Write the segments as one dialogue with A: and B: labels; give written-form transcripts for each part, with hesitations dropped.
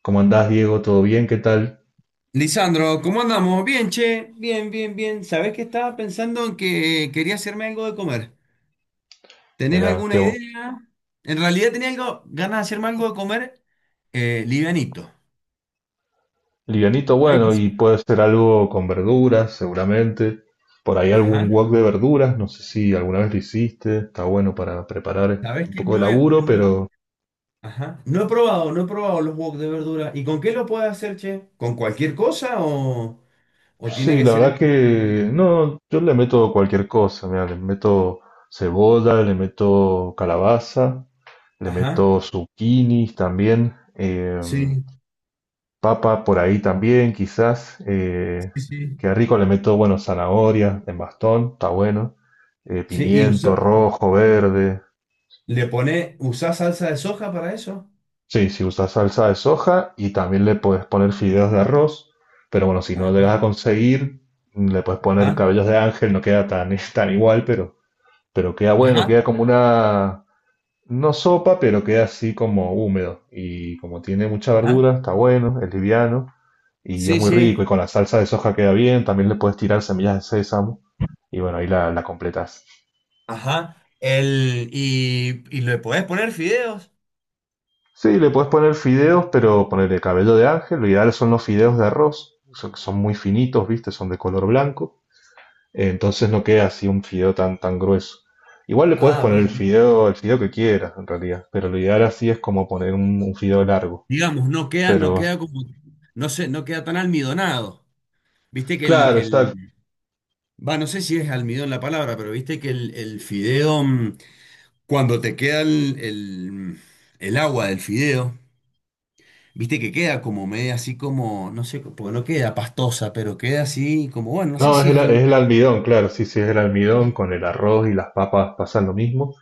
A: ¿Cómo andás, Diego? ¿Todo bien? ¿Qué tal?
B: Lisandro, ¿cómo andamos? Bien, che, bien, bien, bien. ¿Sabés que estaba pensando en que quería hacerme algo de comer? ¿Tenés
A: Era que
B: alguna idea? En realidad tenía algo, ganas de hacerme algo de comer, livianito.
A: livianito,
B: Algo
A: bueno,
B: así.
A: y puede ser algo con verduras, seguramente. Por ahí algún
B: Ajá.
A: wok de verduras, no sé si alguna vez lo hiciste, está bueno para preparar
B: ¿Sabés
A: un
B: que
A: poco de
B: no he,
A: laburo,
B: no-
A: pero
B: ajá. No he probado, no he probado los wok de verdura. ¿Y con qué lo puedes hacer, che? ¿Con cualquier cosa o tiene
A: sí,
B: que
A: la
B: ser en...
A: verdad que no, yo le meto cualquier cosa, mira, le meto cebolla, le meto calabaza, le
B: Ajá,
A: meto zucchinis también.
B: sí,
A: Papa por ahí también, quizás.
B: sí, sí.
A: Que rico le meto, bueno, zanahoria en bastón, está bueno.
B: Sí,
A: Pimiento rojo, verde.
B: le pone, ¿usás salsa de soja para eso?
A: Sí, si usas salsa de soja y también le puedes poner fideos de arroz. Pero bueno, si no
B: Ajá,
A: llegas a conseguir, le puedes poner cabellos de ángel, no queda tan, tan igual, pero queda bueno,
B: ajá.
A: queda como una, no sopa, pero queda así como húmedo. Y como tiene mucha
B: Ajá.
A: verdura, está bueno, es liviano y es
B: Sí,
A: muy rico. Y
B: sí.
A: con la salsa de soja queda bien. También le puedes tirar semillas de sésamo. Y bueno, ahí la completas.
B: Ajá. Y le podés poner fideos.
A: Sí, le puedes poner fideos, pero ponerle cabello de ángel. Lo ideal son los fideos de arroz. Son, son muy finitos, ¿viste? Son de color blanco. Entonces no queda así un fideo tan, tan grueso. Igual le puedes
B: Ah,
A: poner
B: bien, bien.
A: el fideo que quieras, en realidad. Pero lo ideal así es como poner un fideo largo.
B: Digamos, no queda, no
A: Pero,
B: queda como, no sé, no queda tan almidonado. Viste que
A: claro, exacto.
B: va, no sé si es almidón la palabra, pero viste que el fideo, cuando te queda el agua del fideo, viste que queda como media así como, no sé, porque no queda pastosa, pero queda así como, bueno, no sé
A: No, es
B: si es
A: el, es
B: almidón.
A: el almidón, claro, sí, sí, es el almidón,
B: Ajá.
A: con el arroz y las papas pasan lo mismo,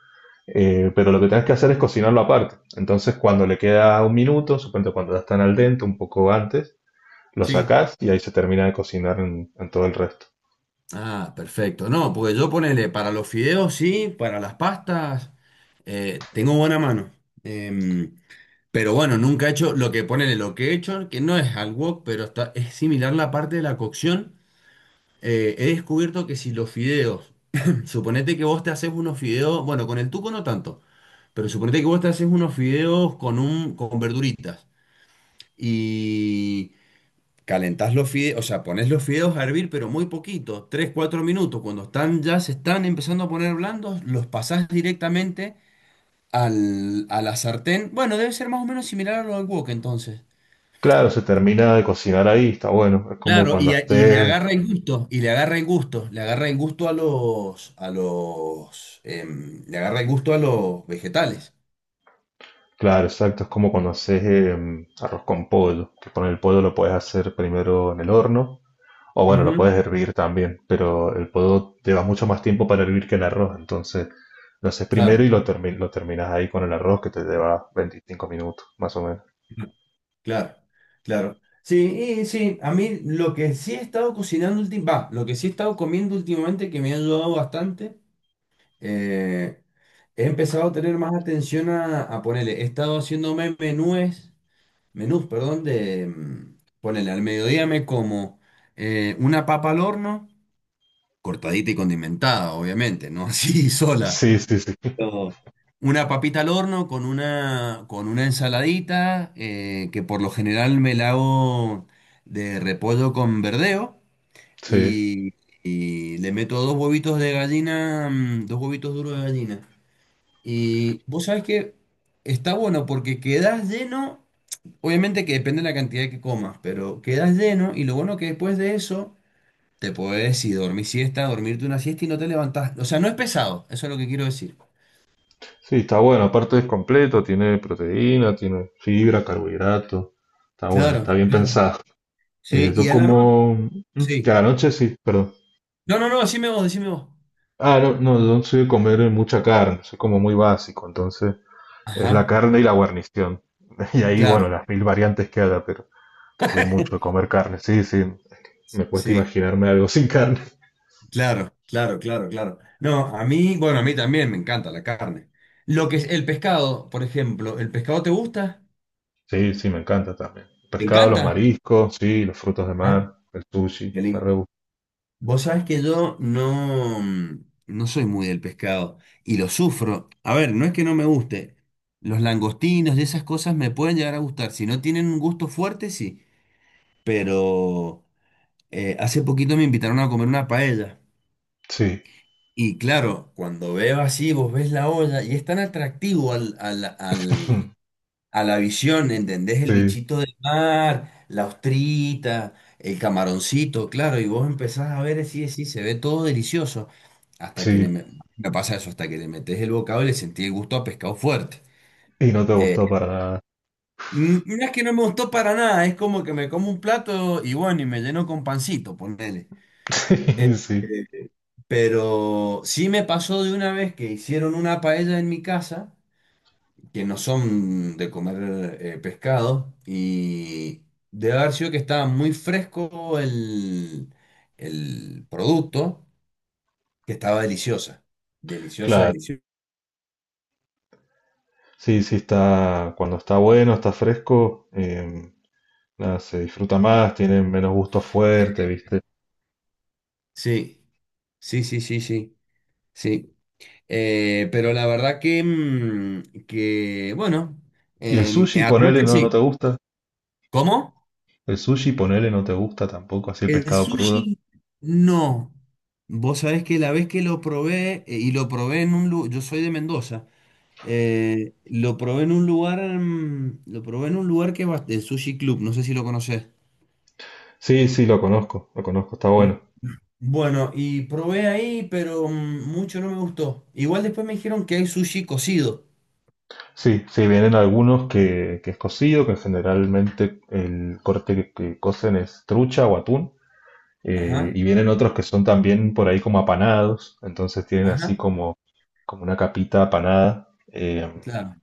A: pero lo que tenés que hacer es cocinarlo aparte. Entonces, cuando le queda un minuto, supongo cuando ya están al dente, un poco antes, lo
B: Sí.
A: sacás y ahí se termina de cocinar en todo el resto.
B: Ah, perfecto. No, porque yo ponele para los fideos, sí, para las pastas, tengo buena mano. Em, pero bueno, nunca he hecho lo que ponele, lo que he hecho, que no es al wok, pero está, es similar la parte de la cocción. He descubierto que si los fideos, suponete que vos te haces unos fideos, bueno, con el tuco no tanto, pero suponete que vos te haces unos fideos con un, con verduritas. Calentás los fideos, o sea, pones los fideos a hervir, pero muy poquito, 3 o 4 minutos. Cuando están ya se están empezando a poner blandos, los pasás directamente a la sartén. Bueno, debe ser más o menos similar a lo del wok entonces.
A: Claro, se termina de cocinar ahí, está bueno, es como
B: Claro,
A: cuando
B: y, y le
A: haces,
B: agarra el gusto, y le agarra el gusto, le agarra el gusto a le agarra el gusto a los vegetales.
A: claro, exacto, es como cuando haces arroz con pollo, que con el pollo lo puedes hacer primero en el horno. O bueno, lo
B: Ujú.
A: puedes hervir también, pero el podo lleva mucho más tiempo para hervir que el arroz, entonces lo haces
B: Claro.
A: primero y lo terminas ahí con el arroz que te lleva 25 minutos, más o menos.
B: Claro, claro. Sí, y sí, a mí lo que sí he estado cocinando últimamente, va, lo que sí he estado comiendo últimamente que me ha ayudado bastante, eh, he empezado a tener más atención a ponerle, he estado haciéndome menúes, menús, perdón, de ponerle al mediodía me como una papa al horno, cortadita y condimentada, obviamente, no así sola,
A: Sí, sí, sí.
B: todo. Una papita al horno con una ensaladita, que por lo general me la hago de repollo con verdeo
A: Sí,
B: y, y le meto dos huevitos de gallina, dos huevitos duros de gallina. Y vos sabés que está bueno porque quedás lleno, obviamente que depende de la cantidad que comas, pero quedás lleno y lo bueno que después de eso te podés ir dormir siesta, dormirte una siesta y no te levantás. O sea, no es pesado, eso es lo que quiero decir.
A: sí, está bueno. Aparte es completo, tiene proteína, tiene fibra, carbohidrato. Está bueno, está
B: Claro,
A: bien
B: claro.
A: pensado.
B: Sí, y
A: Yo
B: a la noche,
A: como... mm, y
B: sí.
A: a la noche sí, perdón.
B: No, no, no, decime vos, decime vos.
A: Ah, no, no, yo no soy de comer mucha carne, soy como muy básico, entonces es la
B: Ajá,
A: carne y la guarnición. Y ahí, bueno,
B: claro,
A: las mil variantes que haya, pero soy mucho de comer carne. Sí, sí. Me cuesta
B: sí,
A: imaginarme algo sin carne.
B: claro, claro, claro, claro. No, a mí, bueno, a mí también me encanta la carne. Lo que es el pescado, por ejemplo, ¿el pescado te gusta?
A: Sí, sí, me encanta también.
B: ¿Te
A: Pescado, los
B: encanta?
A: mariscos, sí, los frutos de
B: Ajá,
A: mar, el
B: qué
A: sushi, me re
B: lindo.
A: gusta.
B: Vos sabés que yo no, no soy muy del pescado y lo sufro. A ver, no es que no me guste. Los langostinos y esas cosas me pueden llegar a gustar. Si no tienen un gusto fuerte, sí. Pero hace poquito me invitaron a comer una paella.
A: Sí,
B: Y claro, cuando veo así, vos ves la olla y es tan atractivo a la visión, ¿entendés? El
A: sí,
B: bichito de mar, la ostrita, el camaroncito, claro, y vos empezás a ver así, así, se ve todo delicioso. Hasta que
A: sí.
B: me pasa eso, hasta que le metés el bocado y le sentí el gusto a pescado fuerte.
A: Y no te
B: Eh,
A: gustó para nada.
B: no es que no me gustó para nada, es como que me como un plato y bueno, y me lleno con pancito, ponele. Eh,
A: Sí, sí.
B: eh, Pero sí me pasó de una vez que hicieron una paella en mi casa, que no son de comer pescado, y de haber sido que estaba muy fresco el producto, que estaba deliciosa. Deliciosa,
A: Claro.
B: deliciosa.
A: Sí, sí, está. Cuando está bueno, está fresco, nada, se disfruta más, tiene menos gusto
B: Eh,
A: fuerte, ¿viste?
B: Sí, sí, sí, sí, sí, sí. Pero la verdad que, que bueno,
A: Y el sushi,
B: en la
A: ponele,
B: noche
A: no, no
B: sí.
A: te gusta.
B: ¿Cómo?
A: El sushi, ponele, no te gusta tampoco, así el
B: El
A: pescado crudo.
B: sushi, no. Vos sabés que la vez que lo probé, y lo probé en un lugar, yo soy de Mendoza, lo probé en un lugar, lo probé en un lugar que va, el Sushi Club, no sé si lo conocés.
A: Sí, sí, lo conozco, está bueno.
B: Bueno, y probé ahí, pero mucho no me gustó. Igual después me dijeron que hay sushi cocido.
A: Sí, sí, vienen algunos que es cocido, que generalmente el corte que cocen es trucha o atún,
B: Ajá,
A: y vienen otros que son también por ahí como apanados, entonces tienen así
B: ajá,
A: como, como una capita apanada,
B: claro,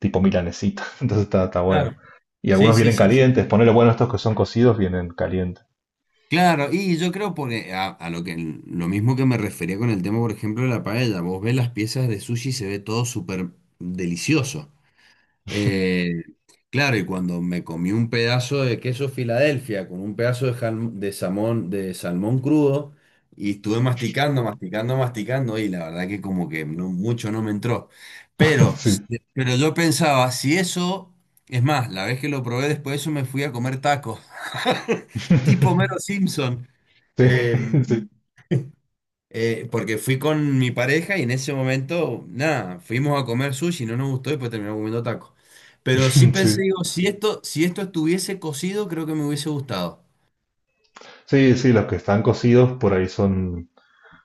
A: tipo milanesita, entonces está, está
B: claro.
A: bueno. Y
B: Sí,
A: algunos
B: sí,
A: vienen
B: sí, sí.
A: calientes, ponele bueno, estos que son cocidos vienen calientes.
B: Claro, y yo creo porque a lo que lo mismo que me refería con el tema, por ejemplo, de la paella, vos ves las piezas de sushi y se ve todo súper delicioso. Eh, claro, y cuando me comí un pedazo de queso Filadelfia con un pedazo de, de salmón crudo y estuve masticando, masticando, masticando y la verdad que como que no- mucho no me entró. Pero,
A: Sí.
B: s- pero yo pensaba, si eso, es más, la vez que lo probé después de eso me fui a comer tacos, tipo Mero Simpson.
A: Sí,
B: Em,
A: sí,
B: Porque fui con mi pareja y en ese momento, nada, fuimos a comer sushi, no nos gustó y pues terminamos comiendo tacos. Pero sí
A: sí.
B: pensé, digo, si esto, si esto estuviese cocido, creo que me hubiese gustado.
A: Sí, sí, los que están cocidos por ahí son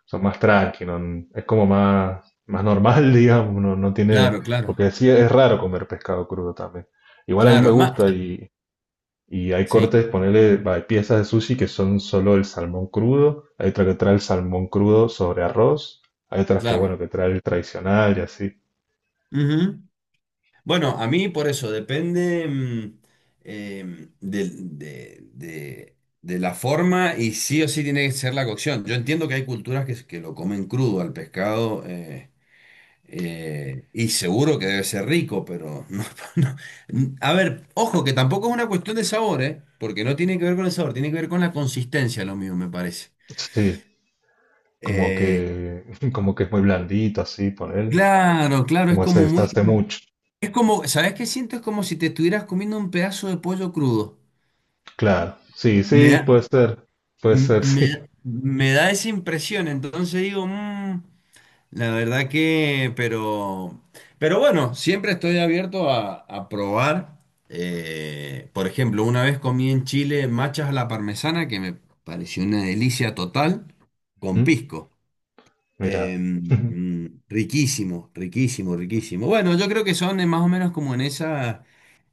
A: son más tranqui, no- es como más, más normal, digamos, no, no tiene,
B: Claro, claro,
A: porque sí es raro comer pescado crudo también. Igual a mí me
B: claro.
A: gusta y hay
B: Sí,
A: cortes, ponele, va, hay piezas de sushi que son solo el salmón crudo, hay otra que trae el salmón crudo sobre arroz, hay otras que,
B: claro.
A: bueno, que trae el tradicional y así.
B: Ujú. Bueno, a mí por eso depende em, del- de, de- de la forma y sí o sí tiene que ser la cocción. Yo entiendo que hay culturas que lo comen crudo al pescado. Y seguro que debe ser rico, pero no, no. A ver, ojo, que tampoco es una cuestión de sabor, ¿eh? Porque no tiene que ver con el sabor, tiene que ver con la consistencia, lo mío, me parece.
A: Sí, como
B: Eh,
A: que, como que es muy blandito así, ponele,
B: claro, claro, es
A: como se
B: como muy...
A: deshace mucho.
B: Es como, ¿sabes qué siento? Es como si te estuvieras comiendo un pedazo de pollo crudo.
A: Claro, sí,
B: Me
A: sí,
B: da,
A: puede
B: m-
A: ser, sí.
B: me, me da esa impresión, entonces digo, la verdad que, pero bueno, siempre estoy abierto a probar. Por ejemplo, una vez comí en Chile machas a la parmesana, que me pareció una delicia total, con
A: ¿Mm?
B: pisco.
A: Mira.
B: Riquísimo, riquísimo, riquísimo. Bueno, yo creo que son más o menos como en esa,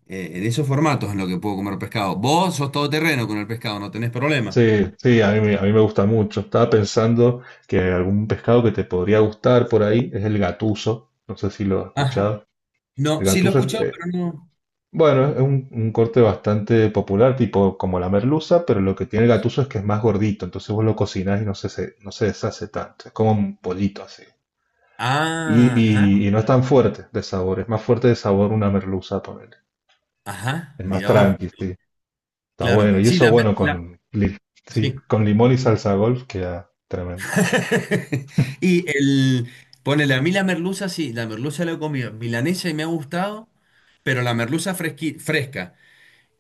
B: en esos formatos en lo que puedo comer pescado. Vos sos todoterreno con el pescado, no tenés problema.
A: Sí, sí, a mí me gusta mucho. Estaba pensando que algún pescado que te podría gustar por ahí es el gatuso. No sé si lo has
B: Ajá.
A: escuchado.
B: No,
A: El
B: sí lo he
A: gatuso es,
B: escuchado, pero no.
A: bueno, es un corte bastante popular, tipo como la merluza, pero lo que tiene el gatuso es que es más gordito, entonces vos lo cocinás y no se, se- no se deshace tanto. Es como un pollito así. Y,
B: Ah, ajá,
A: y no es tan fuerte de sabor, es más fuerte de sabor una merluza, ponele.
B: ajá,
A: Es más
B: mira vos.
A: tranqui, sí. Está
B: Claro,
A: bueno. Y
B: sí,
A: eso, bueno,
B: la-
A: con, li- sí,
B: sí.
A: con limón y salsa golf queda tremendo.
B: Y el, ponele, a mí la merluza, sí, la merluza la he comido, milanesa y me ha gustado, pero la merluza fresca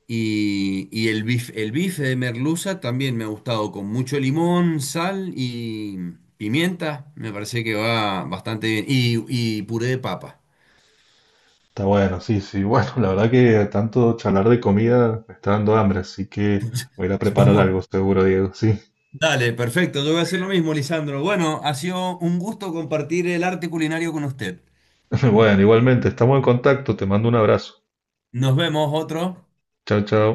B: y el bife de merluza también me ha gustado, con mucho limón, sal y pimienta, me parece que va bastante bien, y puré de papa.
A: Está bueno, sí, sí. Bueno, la verdad que tanto charlar de comida me está dando hambre, así que voy a ir a preparar
B: Vamos.
A: algo seguro, Diego. Sí.
B: Dale, perfecto, yo voy a hacer lo mismo, Lisandro. Bueno, ha sido un gusto compartir el arte culinario con usted.
A: Bueno, igualmente, estamos en contacto. Te mando un abrazo.
B: Nos vemos otro.
A: Chao, chao.